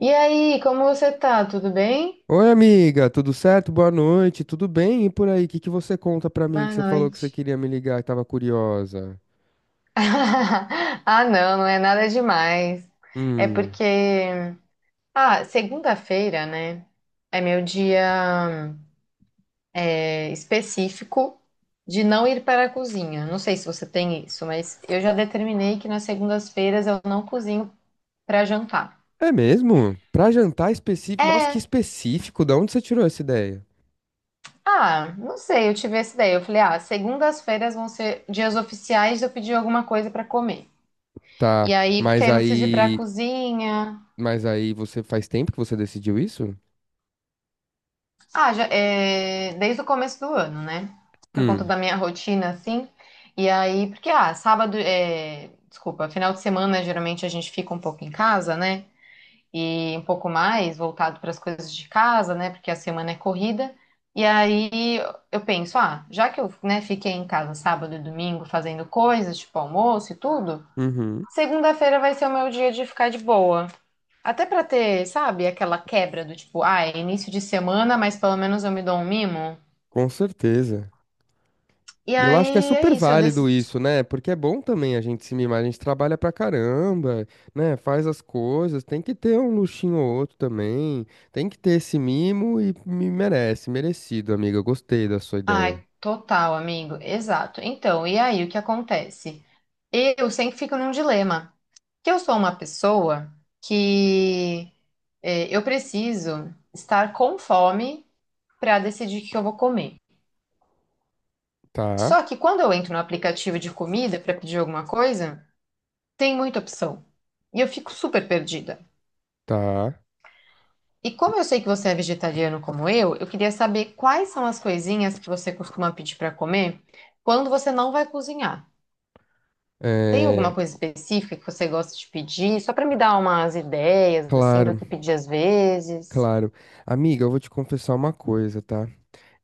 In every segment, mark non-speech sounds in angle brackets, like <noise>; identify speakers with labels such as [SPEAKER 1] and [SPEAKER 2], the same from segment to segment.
[SPEAKER 1] E aí, como você tá? Tudo bem?
[SPEAKER 2] Oi, amiga, tudo certo? Boa noite, tudo bem? E por aí, o que que você conta pra mim que
[SPEAKER 1] Boa
[SPEAKER 2] você falou que você
[SPEAKER 1] noite.
[SPEAKER 2] queria me ligar e tava curiosa?
[SPEAKER 1] <laughs> Ah, não, não é nada demais. É
[SPEAKER 2] Hum,
[SPEAKER 1] porque, segunda-feira, né? É meu dia específico de não ir para a cozinha. Não sei se você tem isso, mas eu já determinei que nas segundas-feiras eu não cozinho para jantar.
[SPEAKER 2] é mesmo? Pra jantar específico? Nossa, que
[SPEAKER 1] É,
[SPEAKER 2] específico, da onde você tirou essa ideia?
[SPEAKER 1] não sei, eu tive essa ideia. Eu falei, ah, segundas-feiras vão ser dias oficiais de eu pedir alguma coisa para comer.
[SPEAKER 2] Tá,
[SPEAKER 1] E aí, porque aí não preciso ir pra cozinha.
[SPEAKER 2] mas aí você faz tempo que você decidiu isso?
[SPEAKER 1] Ah, já, é, desde o começo do ano, né? Por conta
[SPEAKER 2] Hum.
[SPEAKER 1] da minha rotina, assim. E aí, porque, desculpa, final de semana geralmente a gente fica um pouco em casa, né? E um pouco mais voltado para as coisas de casa, né? Porque a semana é corrida. E aí eu penso, ah, já que eu, né, fiquei em casa sábado e domingo fazendo coisas, tipo almoço e tudo,
[SPEAKER 2] Uhum.
[SPEAKER 1] segunda-feira vai ser o meu dia de ficar de boa. Até pra ter, sabe, aquela quebra do tipo, ah, é início de semana, mas pelo menos eu me dou um mimo.
[SPEAKER 2] Com certeza.
[SPEAKER 1] E
[SPEAKER 2] E eu acho que é
[SPEAKER 1] aí é
[SPEAKER 2] super
[SPEAKER 1] isso, eu
[SPEAKER 2] válido
[SPEAKER 1] decidi.
[SPEAKER 2] isso, né? Porque é bom também a gente se mimar, a gente trabalha pra caramba, né? Faz as coisas, tem que ter um luxinho ou outro também, tem que ter esse mimo e me merece, merecido, amiga. Eu gostei da sua ideia.
[SPEAKER 1] Ai, total, amigo. Exato. Então, e aí o que acontece? Eu sempre fico num dilema, que eu sou uma pessoa que eu preciso estar com fome pra decidir o que eu vou comer.
[SPEAKER 2] Tá,
[SPEAKER 1] Só que quando eu entro no aplicativo de comida pra pedir alguma coisa, tem muita opção. E eu fico super perdida.
[SPEAKER 2] tá.
[SPEAKER 1] E como eu sei que você é vegetariano como eu queria saber quais são as coisinhas que você costuma pedir para comer quando você não vai cozinhar. Tem alguma
[SPEAKER 2] É,
[SPEAKER 1] coisa específica que você gosta de pedir, só para me dar umas ideias assim do
[SPEAKER 2] claro,
[SPEAKER 1] que pedir às vezes?
[SPEAKER 2] claro. Amiga, eu vou te confessar uma coisa, tá?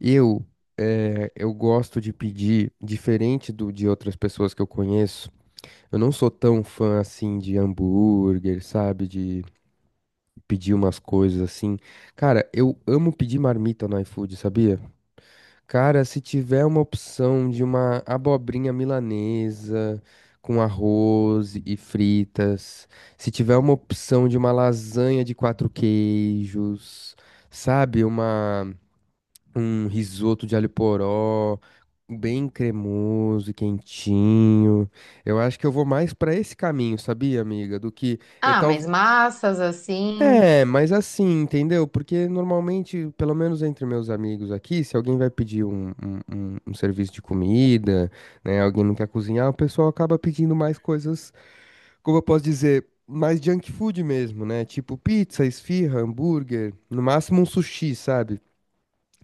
[SPEAKER 2] Eu, eu gosto de pedir, diferente do de outras pessoas que eu conheço, eu não sou tão fã assim de hambúrguer, sabe? De pedir umas coisas assim. Cara, eu amo pedir marmita no iFood, sabia? Cara, se tiver uma opção de uma abobrinha milanesa com arroz e fritas, se tiver uma opção de uma lasanha de quatro queijos, sabe? Uma, um risoto de alho poró. Bem cremoso e quentinho. Eu acho que eu vou mais pra esse caminho, sabia, amiga? Do que.
[SPEAKER 1] Ah, mas massas assim,
[SPEAKER 2] É, mas assim, entendeu? Porque normalmente, pelo menos entre meus amigos aqui, se alguém vai pedir um serviço de comida, né? Alguém não quer cozinhar, o pessoal acaba pedindo mais coisas, como eu posso dizer, mais junk food mesmo, né? Tipo pizza, esfirra, hambúrguer, no máximo um sushi, sabe?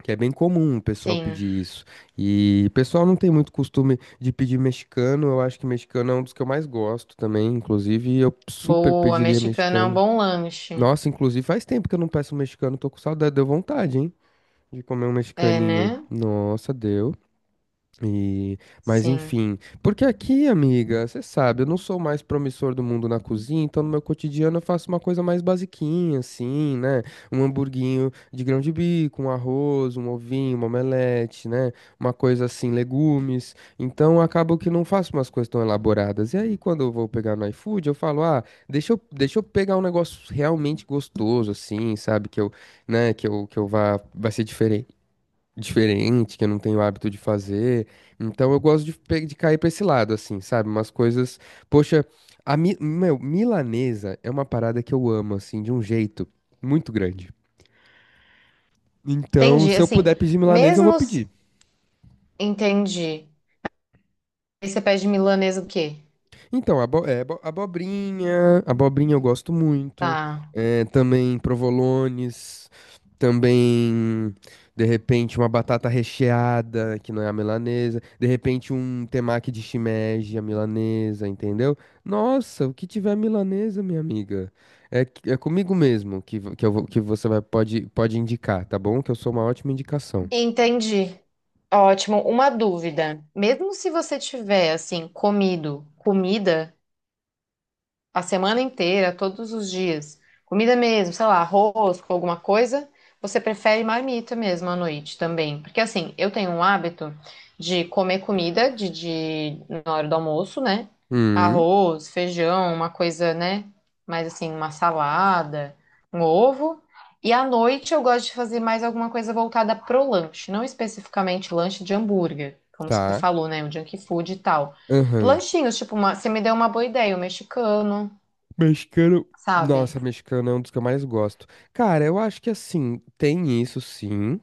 [SPEAKER 2] Que é bem comum o pessoal
[SPEAKER 1] sim.
[SPEAKER 2] pedir isso. E o pessoal não tem muito costume de pedir mexicano. Eu acho que mexicano é um dos que eu mais gosto também. Inclusive, eu super
[SPEAKER 1] Boa,
[SPEAKER 2] pediria
[SPEAKER 1] mexicana é um
[SPEAKER 2] mexicano.
[SPEAKER 1] bom lanche.
[SPEAKER 2] Nossa, inclusive faz tempo que eu não peço um mexicano, tô com saudade, deu vontade, hein? De comer um
[SPEAKER 1] É,
[SPEAKER 2] mexicaninho.
[SPEAKER 1] né?
[SPEAKER 2] Nossa, deu. E, mas
[SPEAKER 1] Sim.
[SPEAKER 2] enfim, porque aqui, amiga, você sabe, eu não sou o mais promissor do mundo na cozinha, então no meu cotidiano eu faço uma coisa mais basiquinha, assim, né? Um hamburguinho de grão de bico, um arroz, um ovinho, uma omelete, né? Uma coisa assim, legumes. Então acabo que não faço umas coisas tão elaboradas. E aí, quando eu vou pegar no iFood, eu falo, ah, deixa eu pegar um negócio realmente gostoso, assim, sabe? Que eu, né, que eu vá, vai ser diferente, que eu não tenho hábito de fazer. Então eu gosto de, de cair pra esse lado, assim, sabe? Umas coisas. Poxa, milanesa é uma parada que eu amo, assim, de um jeito muito grande. Então,
[SPEAKER 1] Entendi,
[SPEAKER 2] se eu
[SPEAKER 1] assim,
[SPEAKER 2] puder pedir milanesa, eu vou
[SPEAKER 1] mesmos
[SPEAKER 2] pedir.
[SPEAKER 1] entendi. E você pede milanesa o quê?
[SPEAKER 2] Então, abobrinha eu gosto muito.
[SPEAKER 1] Tá.
[SPEAKER 2] É, também provolones, também, de repente, uma batata recheada, que não é a milanesa. De repente, um temaki de shimeji, a milanesa, entendeu? Nossa, o que tiver milanesa, minha amiga, é comigo mesmo que, você vai, pode, pode indicar, tá bom? Que eu sou uma ótima indicação.
[SPEAKER 1] Entendi. Ótimo. Uma dúvida. Mesmo se você tiver, assim, comido comida a semana inteira, todos os dias, comida mesmo, sei lá, arroz com alguma coisa, você prefere marmita mesmo à noite também. Porque assim, eu tenho um hábito de comer comida na hora do almoço, né?
[SPEAKER 2] Hum.
[SPEAKER 1] Arroz, feijão, uma coisa, né? Mais assim, uma salada, um ovo. E à noite eu gosto de fazer mais alguma coisa voltada pro lanche, não especificamente lanche de hambúrguer, como você
[SPEAKER 2] Tá.
[SPEAKER 1] falou, né? O junk food e tal.
[SPEAKER 2] Aham.
[SPEAKER 1] Lanchinhos, tipo, uma, você me deu uma boa ideia, o mexicano.
[SPEAKER 2] Mexicano.
[SPEAKER 1] Sabe?
[SPEAKER 2] Nossa, mexicano é um dos que eu mais gosto. Cara, eu acho que assim, tem isso sim,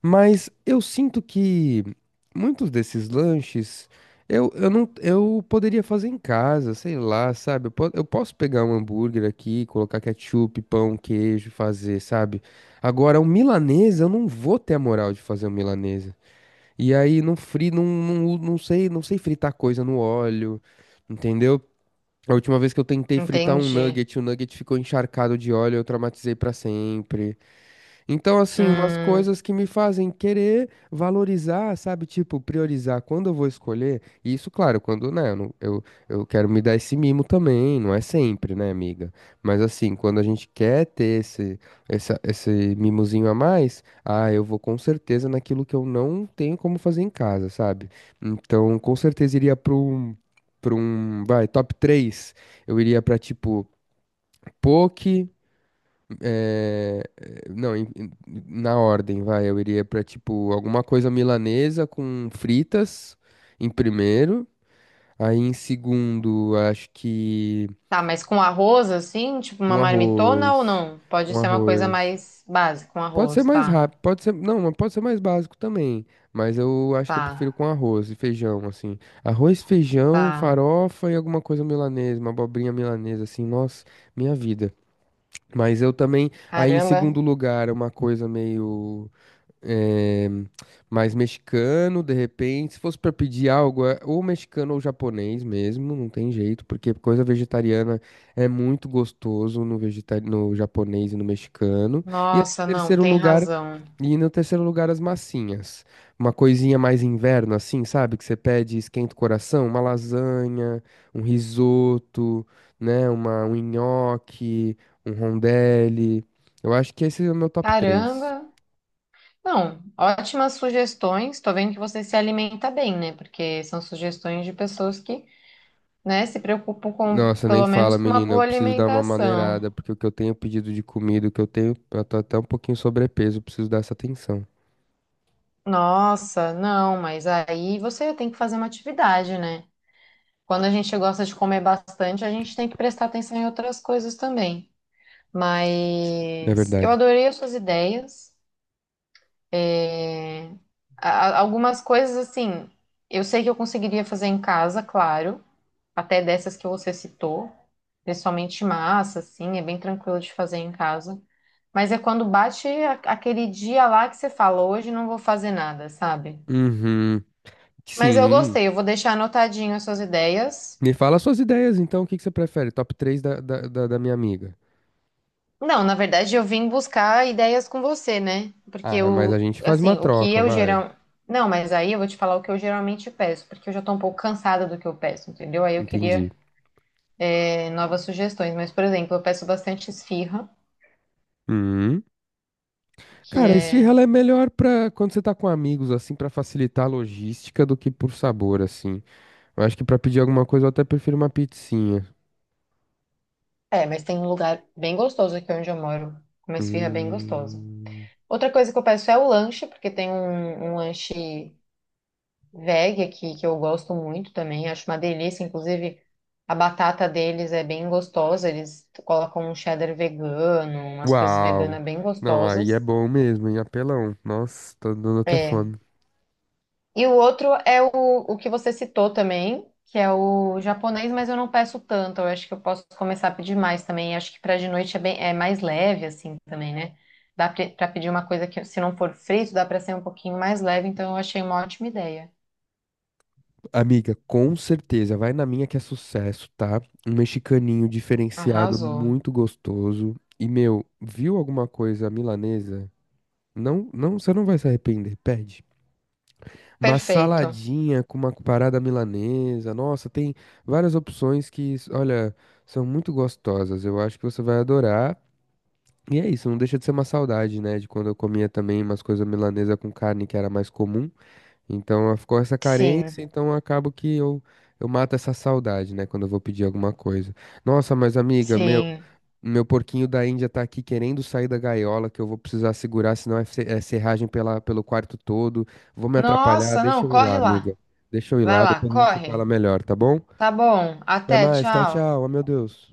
[SPEAKER 2] mas eu sinto que muitos desses lanches eu não eu poderia fazer em casa, sei lá, sabe? Eu posso pegar um hambúrguer aqui, colocar ketchup, pão, queijo, fazer, sabe? Agora, um milanesa, eu não vou ter a moral de fazer um milanesa. E aí, não sei, não sei fritar coisa no óleo, entendeu? A última vez que eu tentei fritar um
[SPEAKER 1] Entendi.
[SPEAKER 2] nugget, o nugget ficou encharcado de óleo, eu traumatizei pra sempre. Então, assim, umas
[SPEAKER 1] Hum,
[SPEAKER 2] coisas que me fazem querer valorizar, sabe? Tipo, priorizar quando eu vou escolher. E isso, claro, quando, né, eu, não- eu quero me dar esse mimo também, não é sempre, né, amiga? Mas, assim, quando a gente quer ter esse mimozinho a mais, ah, eu vou com certeza naquilo que eu não tenho como fazer em casa, sabe? Então, com certeza iria para um, vai, top três. Eu iria para tipo, poke. É, não, em- em- na ordem, vai. Eu iria pra, tipo, alguma coisa milanesa com fritas em primeiro. Aí em segundo, acho que
[SPEAKER 1] tá, mas com arroz, assim, tipo uma
[SPEAKER 2] com
[SPEAKER 1] marmitona ou
[SPEAKER 2] arroz.
[SPEAKER 1] não? Pode
[SPEAKER 2] Com
[SPEAKER 1] ser uma coisa
[SPEAKER 2] arroz.
[SPEAKER 1] mais básica, com
[SPEAKER 2] Pode ser
[SPEAKER 1] arroz,
[SPEAKER 2] mais
[SPEAKER 1] tá,
[SPEAKER 2] rápido, pode ser. Não, mas pode ser mais básico também. Mas eu acho que eu prefiro
[SPEAKER 1] tá,
[SPEAKER 2] com arroz e feijão, assim. Arroz, feijão,
[SPEAKER 1] tá.
[SPEAKER 2] farofa e alguma coisa milanesa, uma abobrinha milanesa, assim. Nossa, minha vida. Mas eu também. Aí em
[SPEAKER 1] Caramba.
[SPEAKER 2] segundo lugar, uma coisa meio. É, mas mexicano, de repente, se fosse para pedir algo, é ou mexicano ou japonês mesmo, não tem jeito, porque coisa vegetariana é muito gostoso no no japonês e no mexicano. E aí, em
[SPEAKER 1] Nossa, não,
[SPEAKER 2] terceiro
[SPEAKER 1] tem
[SPEAKER 2] lugar,
[SPEAKER 1] razão.
[SPEAKER 2] as massinhas. Uma coisinha mais inverno, assim, sabe? Que você pede, e esquenta o coração, uma lasanha, um risoto, né? Uma, um nhoque, um rondelli. Eu acho que esse é o meu top 3.
[SPEAKER 1] Caramba. Não, ótimas sugestões. Tô vendo que você se alimenta bem, né? Porque são sugestões de pessoas que, né, se preocupam com,
[SPEAKER 2] Nossa, nem
[SPEAKER 1] pelo
[SPEAKER 2] fala,
[SPEAKER 1] menos com uma
[SPEAKER 2] menina. Eu
[SPEAKER 1] boa
[SPEAKER 2] preciso dar uma
[SPEAKER 1] alimentação.
[SPEAKER 2] maneirada, porque o que eu tenho pedido de comida, o que eu tenho, eu tô até um pouquinho sobrepeso, eu preciso dar essa atenção,
[SPEAKER 1] Nossa, não, mas aí você tem que fazer uma atividade, né? Quando a gente gosta de comer bastante, a gente tem que prestar atenção em outras coisas também.
[SPEAKER 2] na
[SPEAKER 1] Mas eu
[SPEAKER 2] verdade.
[SPEAKER 1] adorei as suas ideias. É, algumas coisas, assim, eu sei que eu conseguiria fazer em casa, claro, até dessas que você citou, principalmente massa, assim, é bem tranquilo de fazer em casa. Mas é quando bate aquele dia lá que você fala, hoje não vou fazer nada, sabe?
[SPEAKER 2] Uhum.
[SPEAKER 1] Mas eu
[SPEAKER 2] Sim.
[SPEAKER 1] gostei, eu vou deixar anotadinho as suas ideias.
[SPEAKER 2] Me fala suas ideias, então, o que que você prefere? Top 3 da minha amiga.
[SPEAKER 1] Não, na verdade eu vim buscar ideias com você, né? Porque
[SPEAKER 2] Ah, mas a
[SPEAKER 1] o,
[SPEAKER 2] gente faz uma
[SPEAKER 1] assim, o que
[SPEAKER 2] troca,
[SPEAKER 1] eu
[SPEAKER 2] vai.
[SPEAKER 1] geral, não, mas aí eu vou te falar o que eu geralmente peço, porque eu já tô um pouco cansada do que eu peço, entendeu? Aí eu queria
[SPEAKER 2] Entendi.
[SPEAKER 1] novas sugestões, mas por exemplo, eu peço bastante esfirra,
[SPEAKER 2] Hum.
[SPEAKER 1] que
[SPEAKER 2] Cara, a esfirra
[SPEAKER 1] é,
[SPEAKER 2] ela é melhor pra quando você tá com amigos, assim, pra facilitar a logística do que por sabor, assim. Eu acho que pra pedir alguma coisa eu até prefiro uma pizzinha.
[SPEAKER 1] mas tem um lugar bem gostoso aqui onde eu moro, uma esfirra bem gostosa.
[SPEAKER 2] Hum.
[SPEAKER 1] Outra coisa que eu peço é o lanche, porque tem um lanche veg aqui, que eu gosto muito também, acho uma delícia. Inclusive, a batata deles é bem gostosa, eles colocam um cheddar vegano, umas coisas
[SPEAKER 2] Uau!
[SPEAKER 1] veganas bem
[SPEAKER 2] Não, aí é
[SPEAKER 1] gostosas.
[SPEAKER 2] bom mesmo, hein? Apelão. Nossa, tá dando até
[SPEAKER 1] É.
[SPEAKER 2] fome.
[SPEAKER 1] E o outro é o que você citou também, que é o japonês, mas eu não peço tanto, eu acho que eu posso começar a pedir mais também. Acho que para de noite é, bem, é mais leve, assim, também, né? Dá para pedir uma coisa que, se não for frito, dá para ser um pouquinho mais leve, então eu achei uma ótima ideia.
[SPEAKER 2] Amiga, com certeza, vai na minha que é sucesso, tá? Um mexicaninho diferenciado,
[SPEAKER 1] Arrasou.
[SPEAKER 2] muito gostoso. E, meu, viu alguma coisa milanesa? Não, não, você não vai se arrepender, pede. Uma
[SPEAKER 1] Perfeito.
[SPEAKER 2] saladinha com uma parada milanesa. Nossa, tem várias opções que, olha, são muito gostosas. Eu acho que você vai adorar. E é isso, não deixa de ser uma saudade, né? De quando eu comia também umas coisas milanesa com carne que era mais comum. Então ficou essa carência,
[SPEAKER 1] Sim.
[SPEAKER 2] então acabo que eu mato essa saudade, né? Quando eu vou pedir alguma coisa. Nossa, mas amiga,
[SPEAKER 1] Sim.
[SPEAKER 2] meu porquinho da Índia tá aqui querendo sair da gaiola, que eu vou precisar segurar, senão é serragem pelo quarto todo. Vou me atrapalhar,
[SPEAKER 1] Nossa,
[SPEAKER 2] deixa
[SPEAKER 1] não,
[SPEAKER 2] eu ir lá,
[SPEAKER 1] corre
[SPEAKER 2] amiga.
[SPEAKER 1] lá.
[SPEAKER 2] Deixa eu ir
[SPEAKER 1] Vai
[SPEAKER 2] lá,
[SPEAKER 1] lá,
[SPEAKER 2] depois a gente se fala
[SPEAKER 1] corre.
[SPEAKER 2] melhor, tá bom?
[SPEAKER 1] Tá bom.
[SPEAKER 2] Até
[SPEAKER 1] Até,
[SPEAKER 2] mais, tchau,
[SPEAKER 1] tchau.
[SPEAKER 2] tchau. Ah, meu Deus.